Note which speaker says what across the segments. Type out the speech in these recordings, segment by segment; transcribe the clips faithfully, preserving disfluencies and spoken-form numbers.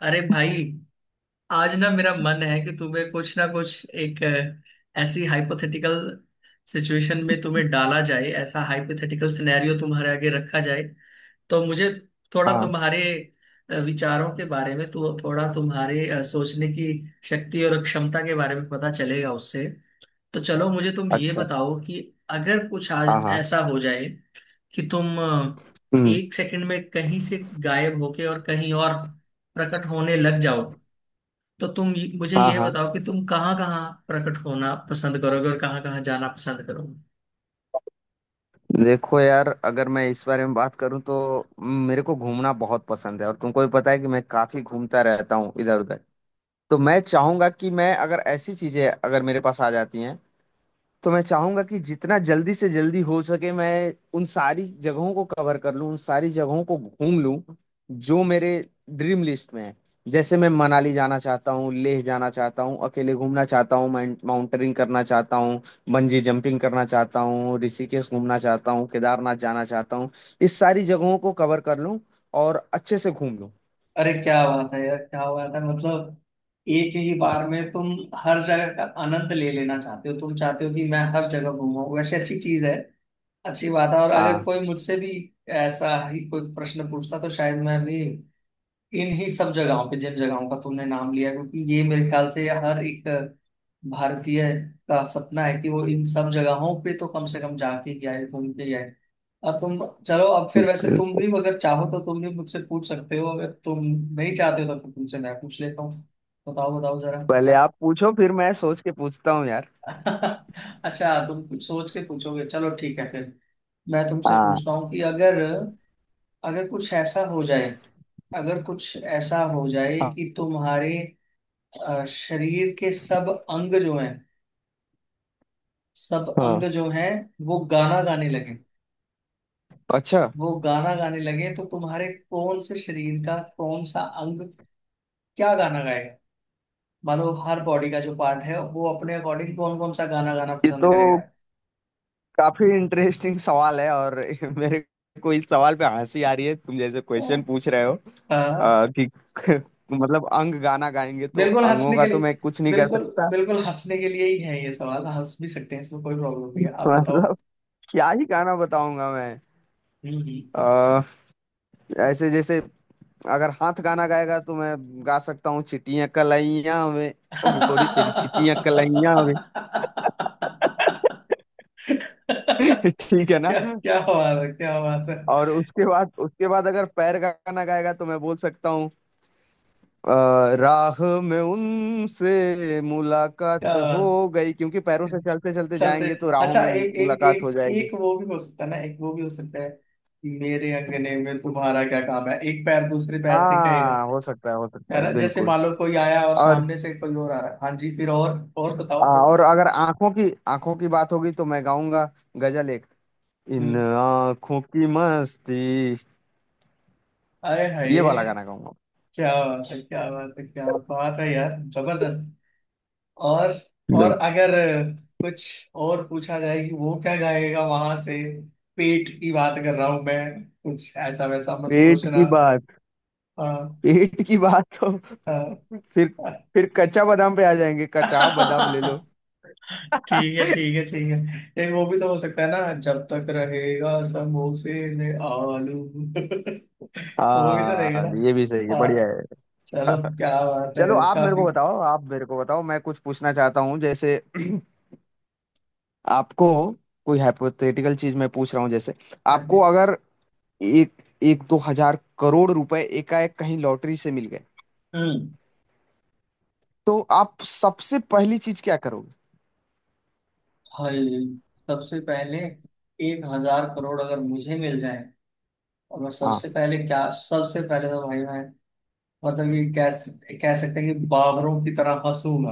Speaker 1: अरे भाई। आज ना मेरा मन है कि तुम्हें कुछ ना कुछ एक अ, ऐसी हाइपोथेटिकल सिचुएशन में तुम्हें डाला जाए, ऐसा हाइपोथेटिकल सिनेरियो तुम्हारे आगे रखा जाए, तो मुझे थोड़ा
Speaker 2: हाँ।
Speaker 1: तुम्हारे अ, विचारों के बारे में, तो थोड़ा तुम्हारे अ, सोचने की शक्ति और क्षमता के बारे में पता चलेगा उससे। तो चलो, मुझे तुम ये
Speaker 2: अच्छा।
Speaker 1: बताओ कि अगर कुछ
Speaker 2: हाँ,
Speaker 1: आज
Speaker 2: हाँ।
Speaker 1: ऐसा हो जाए कि तुम अ,
Speaker 2: हम्म।
Speaker 1: एक सेकंड में कहीं से गायब होके और कहीं और प्रकट होने लग जाओ, तो तुम ये- मुझे
Speaker 2: हाँ,
Speaker 1: ये
Speaker 2: हाँ।
Speaker 1: बताओ कि तुम कहाँ कहाँ प्रकट होना पसंद करोगे और कहाँ कहाँ जाना पसंद करोगे।
Speaker 2: देखो यार, अगर मैं इस बारे में बात करूँ तो मेरे को घूमना बहुत पसंद है और तुमको भी पता है कि मैं काफी घूमता रहता हूँ इधर उधर। तो मैं चाहूंगा कि मैं अगर ऐसी चीजें अगर मेरे पास आ जाती हैं तो मैं चाहूंगा कि जितना जल्दी से जल्दी हो सके मैं उन सारी जगहों को कवर कर लूं, उन सारी जगहों को घूम लूं जो मेरे ड्रीम लिस्ट में है। जैसे मैं मनाली जाना चाहता हूँ, लेह जाना चाहता हूँ, अकेले घूमना चाहता हूँ, माउंटेनिंग करना चाहता हूँ, बंजी जंपिंग करना चाहता हूँ, ऋषिकेश घूमना चाहता हूँ, केदारनाथ जाना चाहता हूँ, इस सारी जगहों को कवर कर लूं और अच्छे से घूम लूं।
Speaker 1: अरे, क्या बात है यार, क्या बात है! मतलब एक ही बार में तुम हर जगह का आनंद ले लेना चाहते हो, तुम चाहते हो कि मैं हर जगह घूमूं। वैसे अच्छी चीज है, अच्छी बात है। और अगर कोई
Speaker 2: हाँ,
Speaker 1: मुझसे भी ऐसा ही कोई प्रश्न पूछता, तो शायद मैं भी इन्हीं सब जगहों पे, जिन जगहों का तुमने नाम लिया, क्योंकि ये मेरे ख्याल से हर एक भारतीय का सपना है कि वो इन सब जगहों पे तो कम से कम जाके ही आए, घूम के ही आए। अब तुम, चलो। अब फिर वैसे,
Speaker 2: बिल्कुल।
Speaker 1: तुम भी अगर चाहो तो तुम भी मुझसे पूछ सकते हो, अगर तुम नहीं चाहते हो तो फिर तुमसे मैं पूछ लेता हूँ। बताओ बताओ जरा
Speaker 2: पहले
Speaker 1: क्या-
Speaker 2: आप पूछो, फिर मैं सोच के पूछता हूँ यार।
Speaker 1: अच्छा, तुम कुछ सोच के पूछोगे? चलो ठीक है फिर। मैं तुमसे
Speaker 2: हाँ,
Speaker 1: पूछता हूँ कि अगर अगर कुछ ऐसा हो जाए अगर कुछ ऐसा हो जाए
Speaker 2: हाँ,
Speaker 1: कि तुम्हारे अ, शरीर के सब अंग जो हैं सब
Speaker 2: हाँ।
Speaker 1: अंग जो हैं वो गाना गाने लगे
Speaker 2: अच्छा,
Speaker 1: वो गाना गाने लगे, तो तुम्हारे कौन से शरीर का कौन सा अंग क्या गाना गाएगा? मानो हर बॉडी का जो पार्ट है वो अपने अकॉर्डिंग कौन कौन सा गाना गाना
Speaker 2: ये
Speaker 1: पसंद
Speaker 2: तो
Speaker 1: करेगा?
Speaker 2: काफी इंटरेस्टिंग सवाल है, और मेरे को इस सवाल पे हंसी आ रही है, तुम जैसे क्वेश्चन पूछ रहे हो।
Speaker 1: हाँ।
Speaker 2: अ, कि मतलब अंग गाना गाएंगे तो
Speaker 1: बिल्कुल
Speaker 2: अंगों
Speaker 1: हंसने के
Speaker 2: का तो
Speaker 1: लिए,
Speaker 2: मैं कुछ नहीं कह
Speaker 1: बिल्कुल,
Speaker 2: सकता।
Speaker 1: बिल्कुल हंसने के लिए ही है ये सवाल। हंस भी सकते हैं, इसमें कोई प्रॉब्लम नहीं है। आप बताओ।
Speaker 2: मतलब क्या ही गाना बताऊंगा मैं।
Speaker 1: हम्म,
Speaker 2: अ, ऐसे जैसे अगर हाथ गाना गाएगा तो मैं गा सकता हूँ, चिट्टियां कलाइयां वे,
Speaker 1: हम्म।
Speaker 2: ओ गोरी तेरी चिट्टियां कलाइयां वे। ठीक है ना।
Speaker 1: क्या क्या बात है! क्या बात है!
Speaker 2: और उसके बाद उसके बाद अगर पैर का गाना गाएगा तो मैं बोल सकता हूँ, अ, राह में उनसे
Speaker 1: क्या
Speaker 2: मुलाकात हो
Speaker 1: बात
Speaker 2: गई, क्योंकि पैरों
Speaker 1: है!
Speaker 2: से चलते चलते
Speaker 1: चलते।
Speaker 2: जाएंगे तो राहों
Speaker 1: अच्छा,
Speaker 2: में मु-
Speaker 1: एक एक
Speaker 2: मुलाकात हो
Speaker 1: एक
Speaker 2: जाएगी।
Speaker 1: एक वो भी हो सकता है ना, एक वो भी हो सकता है। मेरे अंगने में तुम्हारा क्या काम है, एक पैर दूसरे पैर से कहेगा।
Speaker 2: हाँ, हो सकता है, हो सकता
Speaker 1: है
Speaker 2: है,
Speaker 1: ना? जैसे
Speaker 2: बिल्कुल।
Speaker 1: मान लो कोई आया और
Speaker 2: और
Speaker 1: सामने से कोई और आ रहा है। हाँ जी। फिर और और
Speaker 2: आ,
Speaker 1: बताओ थोड़ा।
Speaker 2: और अगर आंखों की आंखों की बात होगी तो मैं गाऊंगा, गजल, एक इन
Speaker 1: हम्म।
Speaker 2: आंखों की मस्ती,
Speaker 1: अरे हाय!
Speaker 2: ये वाला गाना गाऊंगा।
Speaker 1: क्या बात है! क्या बात है! क्या बात है यार, जबरदस्त! और और
Speaker 2: बिल्कुल।
Speaker 1: अगर कुछ और पूछा जाए कि वो क्या गाएगा वहां से, पेट की बात कर रहा हूं मैं, कुछ ऐसा वैसा मत
Speaker 2: पेट
Speaker 1: सोचना।
Speaker 2: की बात।
Speaker 1: हाँ,
Speaker 2: पेट की बात तो
Speaker 1: हाँ।
Speaker 2: फिर फिर कच्चा बादाम पे आ जाएंगे, कच्चा बादाम ले लो।
Speaker 1: ठीक है, ठीक है, ठीक है। लेकिन वो भी तो हो सकता है ना, जब तक रहेगा समोसे में आलू वो भी तो रहेगा
Speaker 2: हाँ,
Speaker 1: ना।
Speaker 2: ये भी सही है,
Speaker 1: हाँ।
Speaker 2: बढ़िया है।
Speaker 1: चलो, क्या बात है
Speaker 2: चलो
Speaker 1: यार,
Speaker 2: आप मेरे को
Speaker 1: काफी।
Speaker 2: बताओ, आप मेरे को बताओ, मैं कुछ पूछना चाहता हूँ। जैसे आपको कोई हाइपोथेटिकल चीज मैं पूछ रहा हूँ, जैसे
Speaker 1: हाँ
Speaker 2: आपको
Speaker 1: जी।
Speaker 2: अगर एक एक दो हजार करोड़ रुपए एकाएक कहीं लॉटरी से मिल गए,
Speaker 1: हम्म।
Speaker 2: तो आप सबसे पहली चीज क्या करोगे?
Speaker 1: हाय! सबसे पहले, एक हजार करोड़ अगर मुझे मिल जाए, और मैं
Speaker 2: हाँ।
Speaker 1: सबसे पहले क्या, सबसे पहले तो भाई मैं, मतलब ये कह सक- कह सकते हैं कि बाबरों की तरह हंसूंगा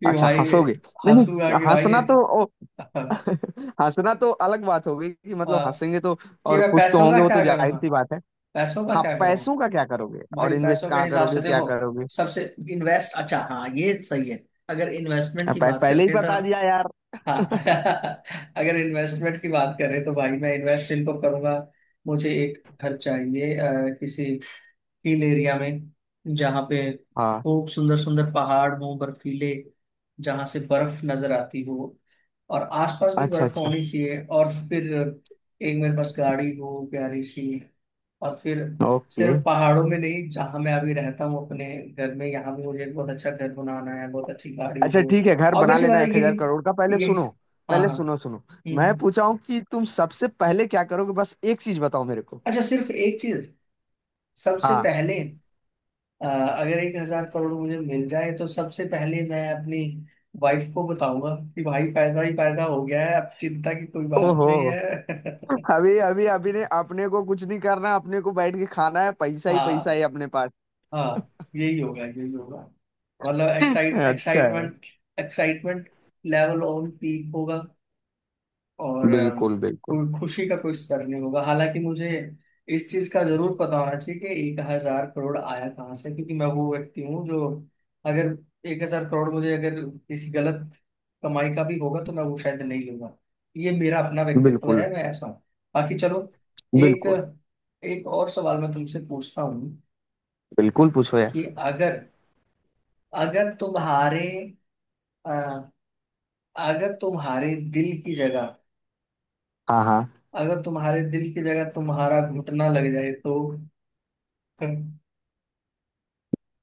Speaker 1: कि
Speaker 2: अच्छा,
Speaker 1: भाई,
Speaker 2: हंसोगे। नहीं,
Speaker 1: हंसूंगा
Speaker 2: नहीं,
Speaker 1: कि
Speaker 2: हंसना
Speaker 1: भाई
Speaker 2: तो ओ, हंसना तो अलग बात होगी कि मतलब
Speaker 1: हाँ,
Speaker 2: हंसेंगे तो,
Speaker 1: कि
Speaker 2: और
Speaker 1: मैं
Speaker 2: खुश तो
Speaker 1: पैसों का
Speaker 2: होंगे, वो तो
Speaker 1: क्या
Speaker 2: जाहिर
Speaker 1: करूंगा,
Speaker 2: सी बात है।
Speaker 1: पैसों का
Speaker 2: हाँ,
Speaker 1: क्या करूंगा।
Speaker 2: पैसों का क्या करोगे, और
Speaker 1: भाई
Speaker 2: इन्वेस्ट
Speaker 1: पैसों के
Speaker 2: कहाँ
Speaker 1: हिसाब से
Speaker 2: करोगे, क्या
Speaker 1: देखो,
Speaker 2: करोगे?
Speaker 1: सबसे, इन्वेस्ट, अच्छा हाँ ये सही है, अगर इन्वेस्टमेंट की
Speaker 2: पह,
Speaker 1: बात
Speaker 2: पहले ही
Speaker 1: करते हैं तो,
Speaker 2: बता दिया यार।
Speaker 1: हाँ। अगर इन्वेस्टमेंट की बात करें, तो भाई मैं इन्वेस्ट इनको करूंगा। मुझे एक घर चाहिए अ, किसी हिल एरिया में, जहाँ पे
Speaker 2: हाँ।
Speaker 1: खूब सुंदर सुंदर पहाड़ हो बर्फीले, जहाँ से बर्फ नजर आती हो, और आसपास भी
Speaker 2: अच्छा,
Speaker 1: बर्फ
Speaker 2: अच्छा।
Speaker 1: होनी चाहिए, और फिर एक मेरे पास गाड़ी हो प्यारी सी, और फिर
Speaker 2: ओके।
Speaker 1: सिर्फ पहाड़ों में नहीं, जहाँ मैं अभी रहता हूँ अपने घर में, यहाँ भी मुझे एक बहुत अच्छा घर बनाना है, बहुत अच्छी गाड़ी
Speaker 2: अच्छा,
Speaker 1: हो।
Speaker 2: ठीक है, घर बना
Speaker 1: ऑब्वियसली बात
Speaker 2: लेना
Speaker 1: है
Speaker 2: एक हजार करोड़ का, पहले
Speaker 1: यही, यही।
Speaker 2: सुनो।
Speaker 1: हाँ,
Speaker 2: पहले
Speaker 1: हाँ।
Speaker 2: सुनो, सुनो।
Speaker 1: हम्म,
Speaker 2: मैं
Speaker 1: हम्म।
Speaker 2: पूछा हूँ कि तुम सबसे पहले क्या करोगे, बस एक चीज बताओ मेरे को।
Speaker 1: अच्छा, सिर्फ एक चीज, सबसे
Speaker 2: हाँ।
Speaker 1: पहले अ, अगर एक हजार करोड़ मुझे मिल जाए, तो सबसे पहले मैं अपनी वाइफ को बताऊंगा कि भाई, पैसा ही पैसा हो गया है, अब चिंता की कोई बात नहीं
Speaker 2: ओहो।
Speaker 1: है।
Speaker 2: अभी अभी अभी ने अपने को कुछ नहीं करना, अपने को बैठ के खाना है, पैसा ही पैसा
Speaker 1: हाँ,
Speaker 2: है अपने पास।
Speaker 1: हाँ। यही होगा, यही होगा। मतलब एक्साइट
Speaker 2: अच्छा है।
Speaker 1: Excitement excitement level on peak होगा। और अम,
Speaker 2: बिल्कुल, बिल्कुल।
Speaker 1: कोई खुशी का कोई स्तर नहीं होगा, हालांकि मुझे इस चीज का जरूर पता होना चाहिए कि एक हजार करोड़ आया कहाँ से, क्योंकि मैं वो व्यक्ति हूँ जो, अगर एक हजार करोड़ मुझे, अगर किसी गलत कमाई का भी होगा, तो मैं वो शायद नहीं लूंगा। ये मेरा अपना व्यक्तित्व
Speaker 2: बिल्कुल,
Speaker 1: है, मैं ऐसा हूँ। बाकी चलो, एक
Speaker 2: बिल्कुल।
Speaker 1: एक और सवाल मैं तुमसे पूछता हूँ
Speaker 2: बिल्कुल पूछो यार।
Speaker 1: कि अगर अगर तुम्हारे अ, अगर तुम्हारे दिल की जगह
Speaker 2: हाँ, हाँ।
Speaker 1: अगर तुम्हारे दिल की जगह तुम्हारा घुटना लग जाए तो?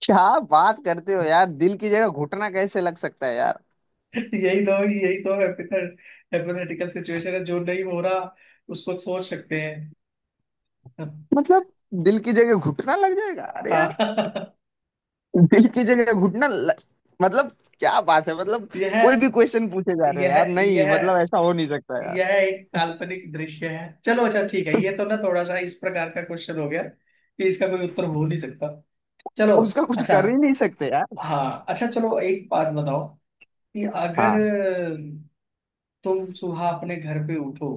Speaker 2: क्या बात करते हो यार, दिल की जगह घुटना कैसे लग सकता है यार?
Speaker 1: यही तो, यही तो हाइपोथेटिकल सिचुएशन है जो नहीं हो रहा, उसको सोच सकते हैं।
Speaker 2: मतलब, दिल की जगह घुटना लग जाएगा? अरे,
Speaker 1: हाँ।
Speaker 2: दिल की जगह घुटना ल- मतलब। क्या बात है, मतलब कोई
Speaker 1: यह
Speaker 2: भी क्वेश्चन पूछे जा रहे हो
Speaker 1: यह
Speaker 2: यार। नहीं
Speaker 1: यह
Speaker 2: मतलब ऐसा हो नहीं सकता यार,
Speaker 1: यह एक काल्पनिक दृश्य है। चलो अच्छा ठीक है, ये तो ना, थोड़ा सा इस प्रकार का क्वेश्चन हो गया कि इसका कोई उत्तर हो नहीं सकता। चलो।
Speaker 2: उसका कुछ
Speaker 1: अच्छा,
Speaker 2: कर ही नहीं सकते यार।
Speaker 1: हाँ अच्छा चलो, एक बात बताओ कि अगर
Speaker 2: हाँ,
Speaker 1: तुम सुबह अपने घर पे उठो,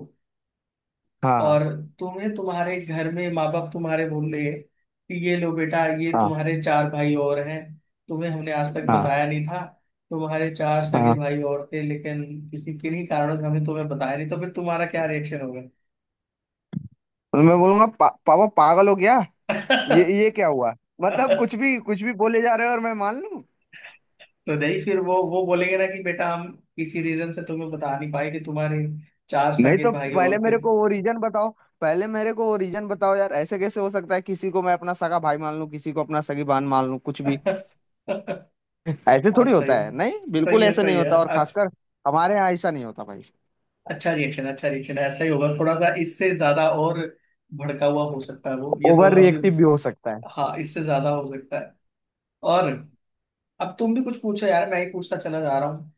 Speaker 1: और
Speaker 2: हाँ,
Speaker 1: तुम्हें तुम्हारे घर में माँ बाप तुम्हारे बोल रहे हैं कि ये लो बेटा, ये
Speaker 2: हाँ,
Speaker 1: तुम्हारे चार भाई और हैं, तुम्हें हमने आज तक
Speaker 2: हाँ,
Speaker 1: बताया नहीं था, तुम्हारे चार सगे
Speaker 2: हाँ।
Speaker 1: भाई और थे, लेकिन किसी किन्हीं कारणों से हमें तुम्हें बताया नहीं, तो फिर तुम्हारा क्या रिएक्शन होगा?
Speaker 2: तो मैं बोलूंगा, पा, पापा पागल हो गया, ये ये क्या हुआ। मतलब कुछ भी कुछ भी बोले जा रहे हो और मैं मान लूं?
Speaker 1: तो नहीं, फिर वो वो बोलेंगे ना कि बेटा, हम किसी रीजन से तुम्हें बता नहीं पाए कि तुम्हारे चार
Speaker 2: नहीं,
Speaker 1: सगे
Speaker 2: तो
Speaker 1: भाई
Speaker 2: पहले
Speaker 1: और थे।
Speaker 2: मेरे को वो रीजन बताओ। पहले मेरे को वो रीजन बताओ यार, ऐसे कैसे हो सकता है, किसी को मैं अपना सगा भाई मान लूं, किसी को अपना सगी बहन मान लूं, कुछ भी?
Speaker 1: हाँ।
Speaker 2: ऐसे थोड़ी
Speaker 1: सही
Speaker 2: होता है, नहीं, बिल्कुल
Speaker 1: सही है,
Speaker 2: ऐसे नहीं
Speaker 1: सही है।
Speaker 2: होता, और खासकर हमारे यहाँ ऐसा नहीं होता भाई।
Speaker 1: अच्छा रिएक्शन अच्छा रिएक्शन ऐसा ही होगा, थोड़ा सा इससे ज्यादा और भड़का हुआ हो सकता है वो, ये तो
Speaker 2: ओवर
Speaker 1: अभी।
Speaker 2: रिएक्टिव भी हो सकता है।
Speaker 1: हाँ, इससे ज्यादा हो सकता है। और अब तुम भी कुछ पूछो यार, मैं ही पूछता चला जा रहा हूँ।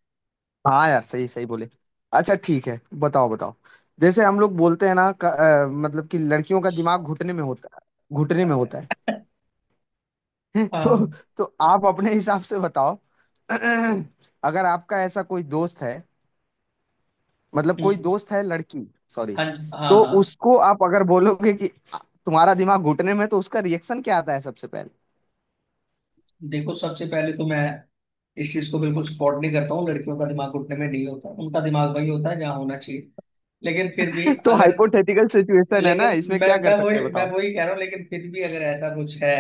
Speaker 2: हाँ यार, सही सही बोले। अच्छा, ठीक है, बताओ, बताओ। जैसे हम लोग बोलते हैं ना, क- अ, मतलब कि लड़कियों का दिमाग घुटने में होता है, घुटने में होता है। तो
Speaker 1: हाँ।
Speaker 2: तो आप अपने हिसाब से बताओ। अगर आपका ऐसा कोई दोस्त है, मतलब कोई
Speaker 1: हम्म,
Speaker 2: दोस्त है लड़की, सॉरी।
Speaker 1: हाँ, हाँ,
Speaker 2: तो
Speaker 1: हाँ।
Speaker 2: उसको आप अगर बोलोगे कि तुम्हारा दिमाग घुटने में है, तो उसका रिएक्शन क्या आता है सबसे पहले?
Speaker 1: देखो, सबसे पहले तो मैं इस चीज को बिल्कुल सपोर्ट नहीं करता हूँ, लड़कियों का दिमाग घुटने में नहीं होता, उनका दिमाग वही होता है जहाँ होना चाहिए। लेकिन फिर भी
Speaker 2: तो
Speaker 1: अगर
Speaker 2: हाइपोथेटिकल सिचुएशन है ना,
Speaker 1: लेकिन
Speaker 2: इसमें
Speaker 1: मैं
Speaker 2: क्या कर
Speaker 1: मैं
Speaker 2: सकते हैं,
Speaker 1: वही मैं
Speaker 2: बताओ।
Speaker 1: वही कह रहा हूँ, लेकिन फिर भी अगर ऐसा कुछ है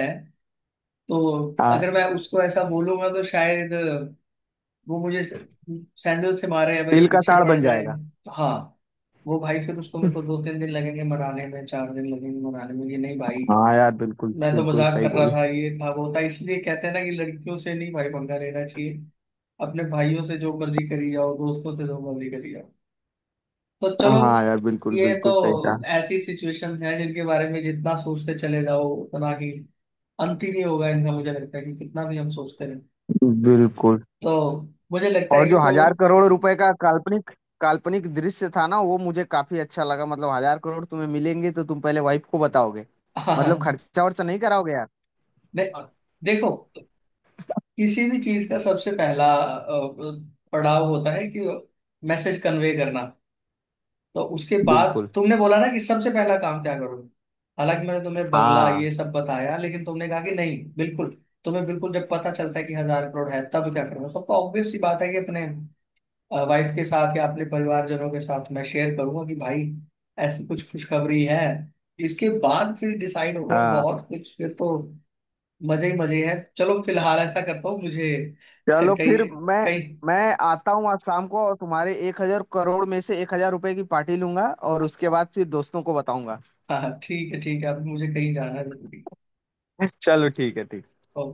Speaker 1: तो,
Speaker 2: हाँ।
Speaker 1: अगर मैं उसको ऐसा बोलूंगा तो शायद वो मुझे सैंडल से मारे, या मेरे
Speaker 2: तिल का
Speaker 1: पीछे
Speaker 2: ताड़
Speaker 1: पड़
Speaker 2: बन
Speaker 1: जाए।
Speaker 2: जाएगा।
Speaker 1: तो हाँ, वो भाई, फिर उसको मेरे को दो तीन दिन लगेंगे मनाने में, चार दिन लगेंगे मनाने में, ये नहीं भाई।
Speaker 2: हाँ यार, बिल्कुल
Speaker 1: मैं तो
Speaker 2: बिल्कुल
Speaker 1: मजाक
Speaker 2: सही
Speaker 1: कर रहा
Speaker 2: बोले।
Speaker 1: था, ये था वो था, इसलिए कहते हैं ना कि लड़कियों से नहीं भाई पंगा लेना चाहिए, अपने भाइयों से जो मर्जी करी जाओ, दोस्तों से जो मर्जी करी जाओ। तो चलो,
Speaker 2: हाँ यार, बिल्कुल
Speaker 1: ये तो
Speaker 2: बिल्कुल सही कहा।
Speaker 1: ऐसी सिचुएशंस हैं जिनके बारे में जितना सोचते चले जाओ, उतना ही अंत ही नहीं होगा इनका, मुझे लगता है कि कितना भी हम सोचते रहे।
Speaker 2: बिल्कुल।
Speaker 1: तो मुझे लगता है
Speaker 2: और
Speaker 1: कि
Speaker 2: जो
Speaker 1: तुम
Speaker 2: हजार करोड़ रुपए का काल्पनिक काल्पनिक दृश्य था ना, वो मुझे काफी अच्छा लगा। मतलब हजार करोड़ तुम्हें मिलेंगे तो तुम पहले वाइफ को बताओगे? मतलब
Speaker 1: हाँ,
Speaker 2: खर्चा वर्चा नहीं कराओगे यार।
Speaker 1: दे, देखो, किसी भी चीज का सबसे पहला अ, पड़ाव होता है कि मैसेज कन्वे करना, तो उसके बाद
Speaker 2: बिल्कुल।
Speaker 1: तुमने बोला ना कि सबसे पहला काम क्या करोगे। हालांकि मैंने तुम्हें बंगला, ये
Speaker 2: हाँ,
Speaker 1: सब बताया, लेकिन तुमने कहा कि नहीं बिल्कुल, तुम्हें बिल्कुल जब पता चलता है कि हजार करोड़ है, तब क्या करूंगा सबको। ऑब्वियस सी बात है कि अपने वाइफ के साथ या अपने परिवारजनों के साथ मैं शेयर करूंगा कि भाई, ऐसी कुछ खुशखबरी है। इसके बाद फिर डिसाइड होगा
Speaker 2: हाँ।
Speaker 1: बहुत कुछ, फिर तो मजे ही मजे हैं। चलो फिलहाल ऐसा करता हूँ मुझे
Speaker 2: चलो
Speaker 1: कहीं,
Speaker 2: फिर। मैं
Speaker 1: कहीं।
Speaker 2: मैं आता हूँ आज शाम को, और तुम्हारे एक हजार करोड़ में से एक हजार रुपए की पार्टी लूंगा, और उसके बाद फिर दोस्तों को बताऊंगा।
Speaker 1: हाँ हाँ, ठीक है, ठीक है। अभी मुझे कहीं जाना है जरूरी।
Speaker 2: चलो ठीक है, ठीक है।
Speaker 1: ओके।